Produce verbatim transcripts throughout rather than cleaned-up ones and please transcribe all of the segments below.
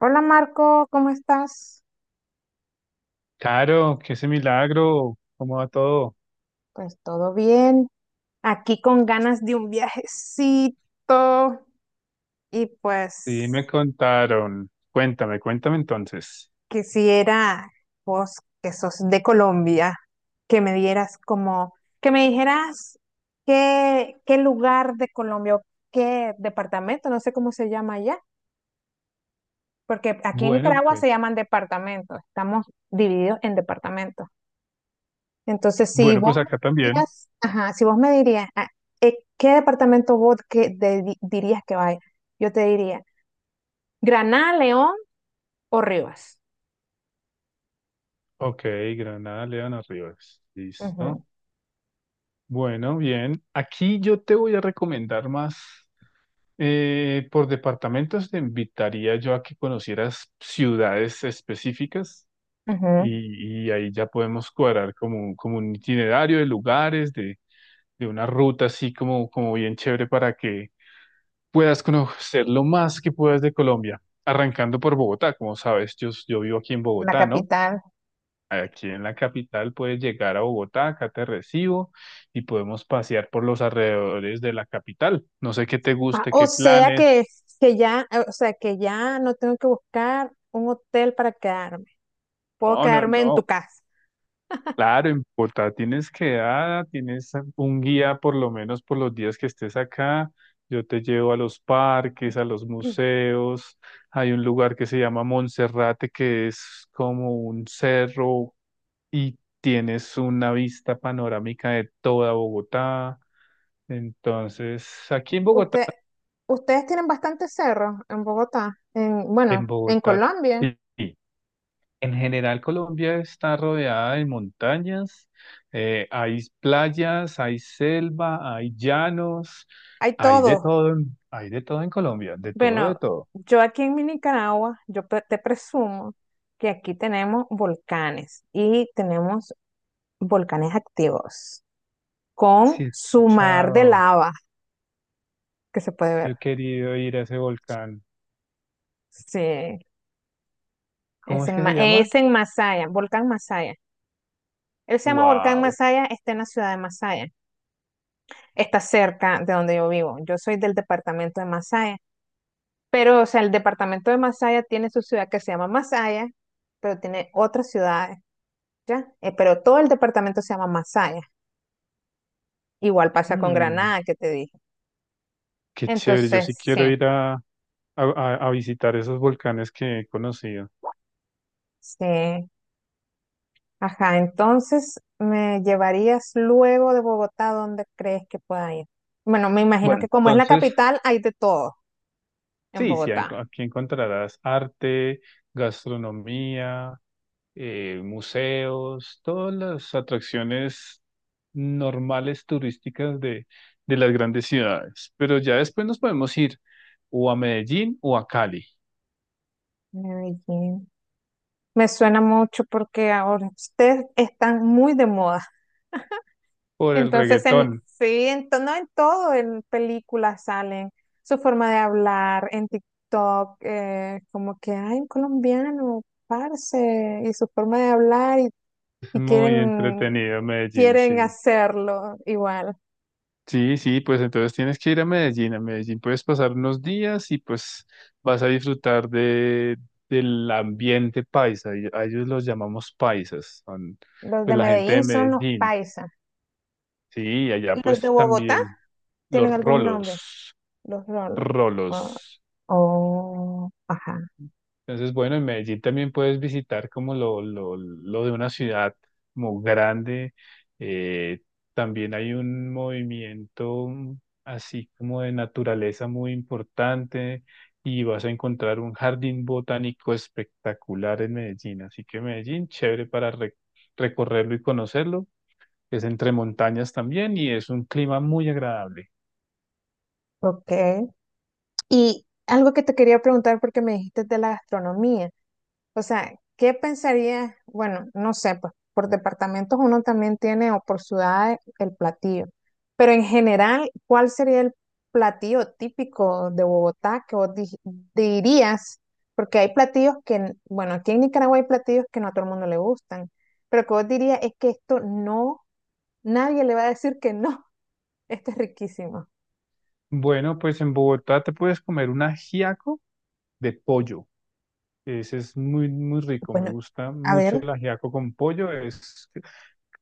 Hola Marco, ¿cómo estás? Caro, qué ese milagro, ¿cómo va todo? Pues todo bien. Aquí con ganas de un viajecito y Sí, me pues contaron. Cuéntame, cuéntame entonces. quisiera vos que sos de Colombia, que me dieras como, que me dijeras qué, qué lugar de Colombia o qué departamento, no sé cómo se llama allá, porque aquí en Bueno, Nicaragua pues, se llaman departamentos, estamos divididos en departamentos. Entonces, si bueno, vos pues me acá también. dirías, ajá, si vos me dirías, ah, eh, ¿qué departamento vos que de- di- dirías que vaya? Yo te diría, Granada, León o Rivas. Ok, Granada, León, Rivas. Ujú, Listo. Bueno, bien. Aquí yo te voy a recomendar más. Eh, por departamentos te invitaría yo a que conocieras ciudades específicas ujú. y, y ahí ya podemos cuadrar como, un- como un itinerario de lugares, de, de una ruta así como, como bien chévere para que puedas conocer lo más que puedas de Colombia, arrancando por Bogotá. Como sabes, yo, yo vivo aquí en La Bogotá, ¿no? capital. Aquí en la capital puedes llegar a Bogotá, acá te recibo y podemos pasear por los alrededores de la capital. No sé qué te Ah, guste, o qué sea planes. que, que ya, eh, o sea que ya no tengo que buscar un hotel para quedarme. Puedo No, no, quedarme en tu no. casa. Claro, en Bogotá tienes quedada, tienes un guía por lo menos por los días que estés acá. Yo te llevo a los parques, a los Mm. museos. Hay un lugar que se llama Monserrate, que es como un cerro y tienes una vista panorámica de toda Bogotá. Entonces, aquí en Bogotá, Usted, ustedes tienen bastantes cerros en Bogotá, en, bueno, en en Bogotá, Colombia, sí. Sí. En general, Colombia está rodeada de montañas. Eh, hay playas, hay selva, hay llanos, hay hay de todo. todo. En- hay de todo en Colombia, de todo, Bueno, de todo. yo aquí en mi Nicaragua, yo pe- te presumo que aquí tenemos volcanes y tenemos volcanes activos con Sí, he su mar de escuchado, lava que se puede yo ver. he querido ir a ese volcán. Sí, ¿Cómo es es en, que Ma- se llama? es en Masaya, volcán Masaya. Él se llama Volcán Wow. Masaya, está en la ciudad de Masaya. Está cerca de donde yo vivo. Yo soy del departamento de Masaya. Pero, o sea, el departamento de Masaya tiene su ciudad que se llama Masaya, pero tiene otras ciudades, ¿ya? Eh, pero todo el departamento se llama Masaya. Igual pasa con Mm, Granada, que te dije. qué chévere, yo sí Entonces, sí, quiero ir a a, a- a visitar esos volcanes que he conocido. sí. Ajá, entonces, ¿me llevarías luego de Bogotá? ¿Dónde crees que pueda ir? Bueno, me imagino Bueno, que como es la entonces, capital, hay de todo en sí, sí, ahí enco- Bogotá. aquí encontrarás arte, gastronomía, eh, museos, todas las atracciones normales turísticas de, de las grandes ciudades. Pero ya después nos podemos ir o a Medellín o a Cali Medellín. Me suena mucho porque ahora ustedes están muy de moda. por el Entonces, en, reggaetón. sí, en, to- no en todo, en películas salen su forma de hablar, en TikTok, eh, como que, ay, un colombiano, parce, y su forma de hablar, y, Es y muy quieren, entretenido Medellín, quieren sí. hacerlo igual. Sí, sí, pues entonces tienes que ir a Medellín. A Medellín puedes pasar unos días y pues vas a disfrutar de, del ambiente paisa. Y a ellos los llamamos paisas, son Los de pues la gente de Medellín son los Medellín. paisas. Sí, y allá ¿Y los de pues Bogotá también tienen los algún nombre? rolos, Los rolos. Ah, rolos. oh, ajá, Entonces, bueno, en Medellín también puedes visitar como lo, lo, lo de una ciudad como grande. Eh, También hay un movimiento así como de naturaleza muy importante y vas a encontrar un jardín botánico espectacular en Medellín. Así que Medellín, chévere para re- recorrerlo y conocerlo. Es entre montañas también y es un clima muy agradable. ok. Y algo que te quería preguntar porque me dijiste de la gastronomía. O sea, ¿qué pensaría? Bueno, no sé, pues por departamentos uno también tiene o por ciudades el platillo, pero en general, ¿cuál sería el platillo típico de Bogotá que vos di- dirías? Porque hay platillos que, n- bueno, aquí en Nicaragua hay platillos que no a todo el mundo le gustan, pero que vos dirías es que esto no, nadie le va a decir que no, esto es riquísimo. Bueno, pues en Bogotá te puedes comer un ajiaco de pollo. Ese es muy, muy rico. Me Bueno, gusta a mucho el ver, ajiaco con pollo. Es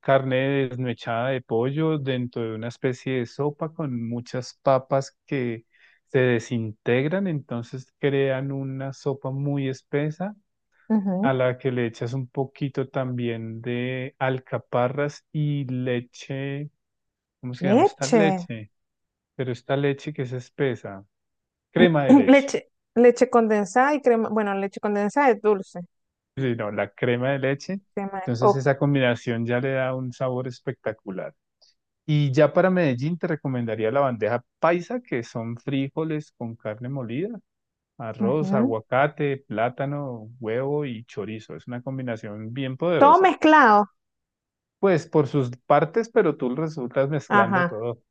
carne desmechada de pollo dentro de una especie de sopa con muchas papas que se desintegran, entonces crean una sopa muy espesa a ujú, la que le echas un poquito también de alcaparras y leche. ¿Cómo se llama esta leche. leche? Pero esta leche que es espesa, crema de leche. Leche, leche condensada y crema, bueno, leche condensada es dulce, Sí, no, la crema de leche. crema, Entonces o- esa combinación ya le da un sabor espectacular. Y ya para Medellín te recomendaría la bandeja paisa, que son frijoles con carne molida, arroz, ujú. aguacate, plátano, huevo y chorizo. Es una combinación bien Todo poderosa. mezclado, Pues por sus partes, pero tú resultas mezclando ajá, todo.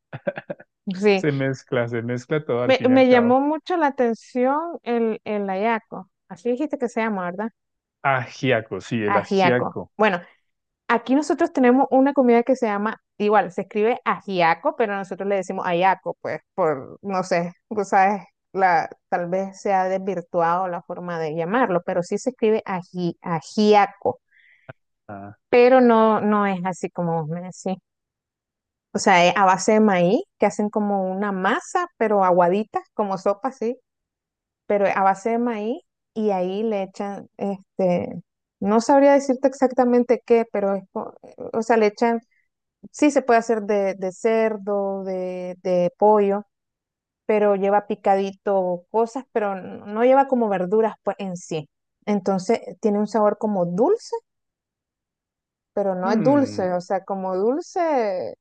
sí. Se mezcla, se mezcla todo al Me, fin y al me cabo. llamó mucho la atención el, el ayaco, así dijiste que se llama, ¿verdad? Ajiaco, sí, el Ajiaco. ajiaco. Bueno, aquí nosotros tenemos una comida que se llama, igual, se escribe ajiaco, pero nosotros le decimos ayaco, pues, por, no sé, tú sabes, la, tal vez se ha desvirtuado la forma de llamarlo, pero sí se escribe aji, ajiaco. Ah, Pero no, no es así como vos me decís. O sea, es a base de maíz, que hacen como una masa, pero aguadita, como sopa, sí, pero a base de maíz y ahí le echan, este, no sabría decirte exactamente qué, pero es, co- o sea, le echan, sí se puede hacer de, de cerdo, de, de pollo, pero lleva picadito cosas, pero n- no lleva como verduras pues en sí. Entonces tiene un sabor como dulce, pero no es mm, dulce, o sea, como dulce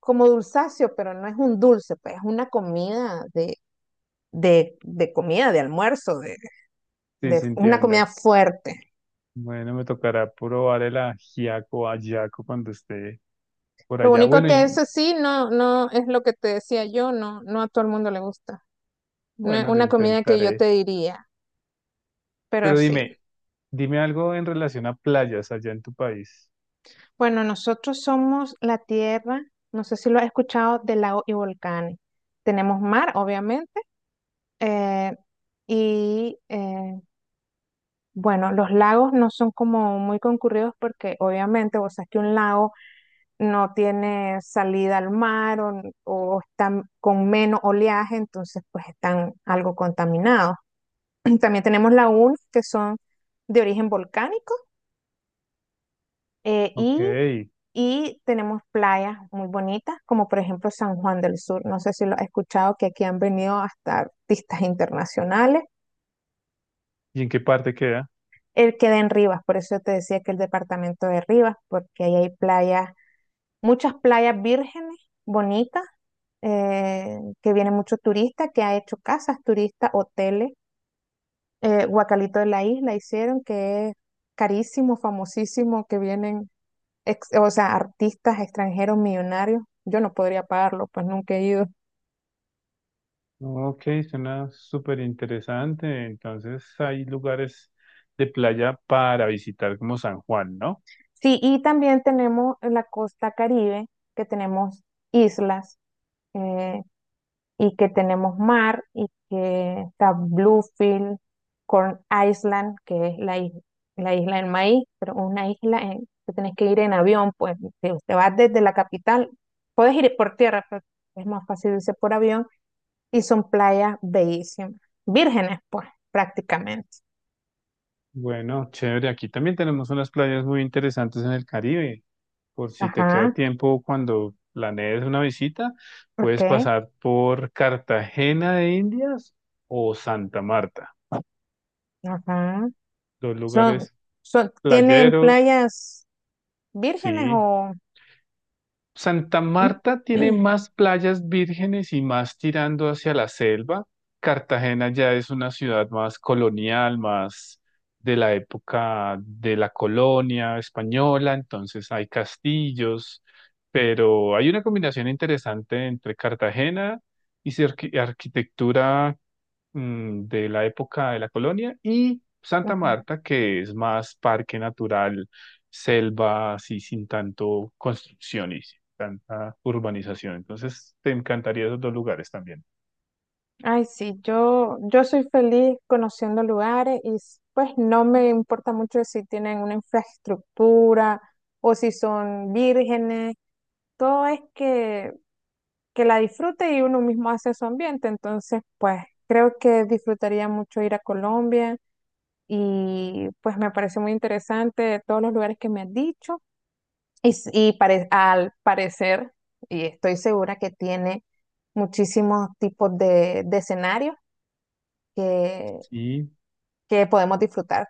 como dulzáceo, pero no es un dulce, pues es una comida de, de, de comida, de almuerzo, de, sí, de una sintiendo. comida fuerte. Bueno, me tocará probar el ajiaco, ajiaco cuando esté por Lo allá. único Bueno, que y eso sí, no, no es lo que te decía yo, no, no a todo el mundo le gusta. No es bueno, lo una comida que yo te intentaré. diría, pero Pero sí. dime, dime algo en relación a playas allá en tu país. Bueno, nosotros somos la tierra, no sé si lo has escuchado, de lagos y volcanes. Tenemos mar, obviamente, eh, y eh, bueno, los lagos no son como muy concurridos porque obviamente vos sabés que un lago no tiene salida al mar o, o están con menos oleaje, entonces pues están algo contaminados. También tenemos lagunas que son de origen volcánico eh, Ok, y, ¿y y tenemos playas muy bonitas, como por ejemplo San Juan del Sur. No sé si lo has escuchado, que aquí han venido hasta artistas internacionales. en qué parte queda? Él queda en Rivas, por eso te decía que el departamento de Rivas, porque ahí hay playas muchas playas vírgenes, bonitas, eh, que vienen muchos turistas, que ha hecho casas turistas, hoteles. Eh, Guacalito de la Isla hicieron, que es carísimo, famosísimo, que vienen, ex- o sea, artistas extranjeros millonarios. Yo no podría pagarlo, pues nunca he ido. Ok, suena súper interesante. Entonces hay lugares de playa para visitar como San Juan, ¿no? Sí, y también tenemos la costa Caribe, que tenemos islas. Eh, y que tenemos mar y que está Bluefield, Corn Island, que es la, is- la isla del maíz, pero una isla en- que tenés que ir en avión, pues te, te vas desde la capital, puedes ir por tierra, pero es más fácil irse por avión y son playas bellísimas, vírgenes, pues prácticamente. Bueno, chévere. Aquí también tenemos unas playas muy interesantes en el Caribe. Por si te queda Ajá, tiempo cuando planees una visita, ok, puedes pasar por Cartagena de Indias o Santa Marta. ajá. Dos Son, lugares son, ¿tienen playeros, playas vírgenes sí, o... Santa Marta tiene más playas vírgenes y más tirando hacia la selva. Cartagena ya es una ciudad más colonial, más de la época de la colonia española, entonces hay castillos, pero hay una combinación interesante entre Cartagena y su arqui- arquitectura, mm, de la época de la colonia, y Santa Ujú. Marta, que es más parque natural, selva, así sin tanto construcción y sin tanta urbanización. Entonces, te encantaría esos dos lugares también. Ay, sí, yo, yo soy feliz conociendo lugares y s- pues no me importa mucho si tienen una infraestructura o si son vírgenes, todo es que, que la disfrute y uno mismo hace su ambiente, entonces pues creo que disfrutaría mucho ir a Colombia y pues me parece muy interesante todos los lugares que me has dicho y, s- y pare- al parecer, y estoy segura que tiene muchísimos tipos de de escenarios que, Y que podemos disfrutar.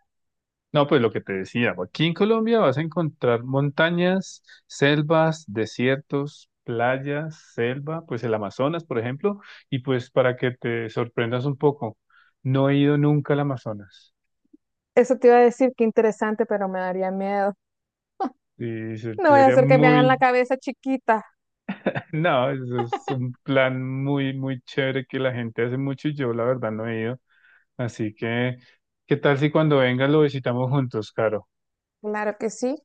no, pues lo que te decía, aquí en Colombia vas a encontrar montañas, selvas, desiertos, playas, selva, pues el Amazonas, por ejemplo, y pues para que te sorprendas un poco, no he ido nunca al Amazonas. Eso te iba a decir, qué interesante, pero me daría miedo. Y se- No voy a sería hacer que me hagan muy... la cabeza chiquita. No, eso es un plan muy, muy chévere que la gente hace mucho y yo la verdad no he ido. Así que, ¿qué tal si cuando venga lo visitamos juntos, Caro? Claro que sí.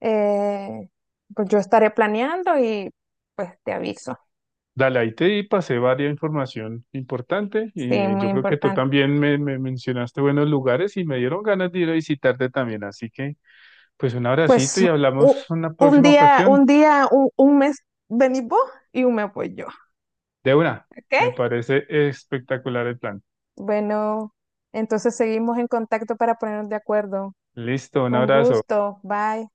Eh, pues yo estaré planeando y pues te aviso. Dale, ahí te pasé varias información importante Sí, y muy yo creo que tú importante. también me, me mencionaste buenos lugares y me dieron ganas de ir a visitarte también. Así que, pues un abracito Pues y hablamos u- una un próxima día, un ocasión. día, un, un mes venís vos y un mes voy yo. De una, ¿Ok? me parece espectacular el plan. Bueno, entonces seguimos en contacto para ponernos de acuerdo. Listo, un Un abrazo. gusto. Bye.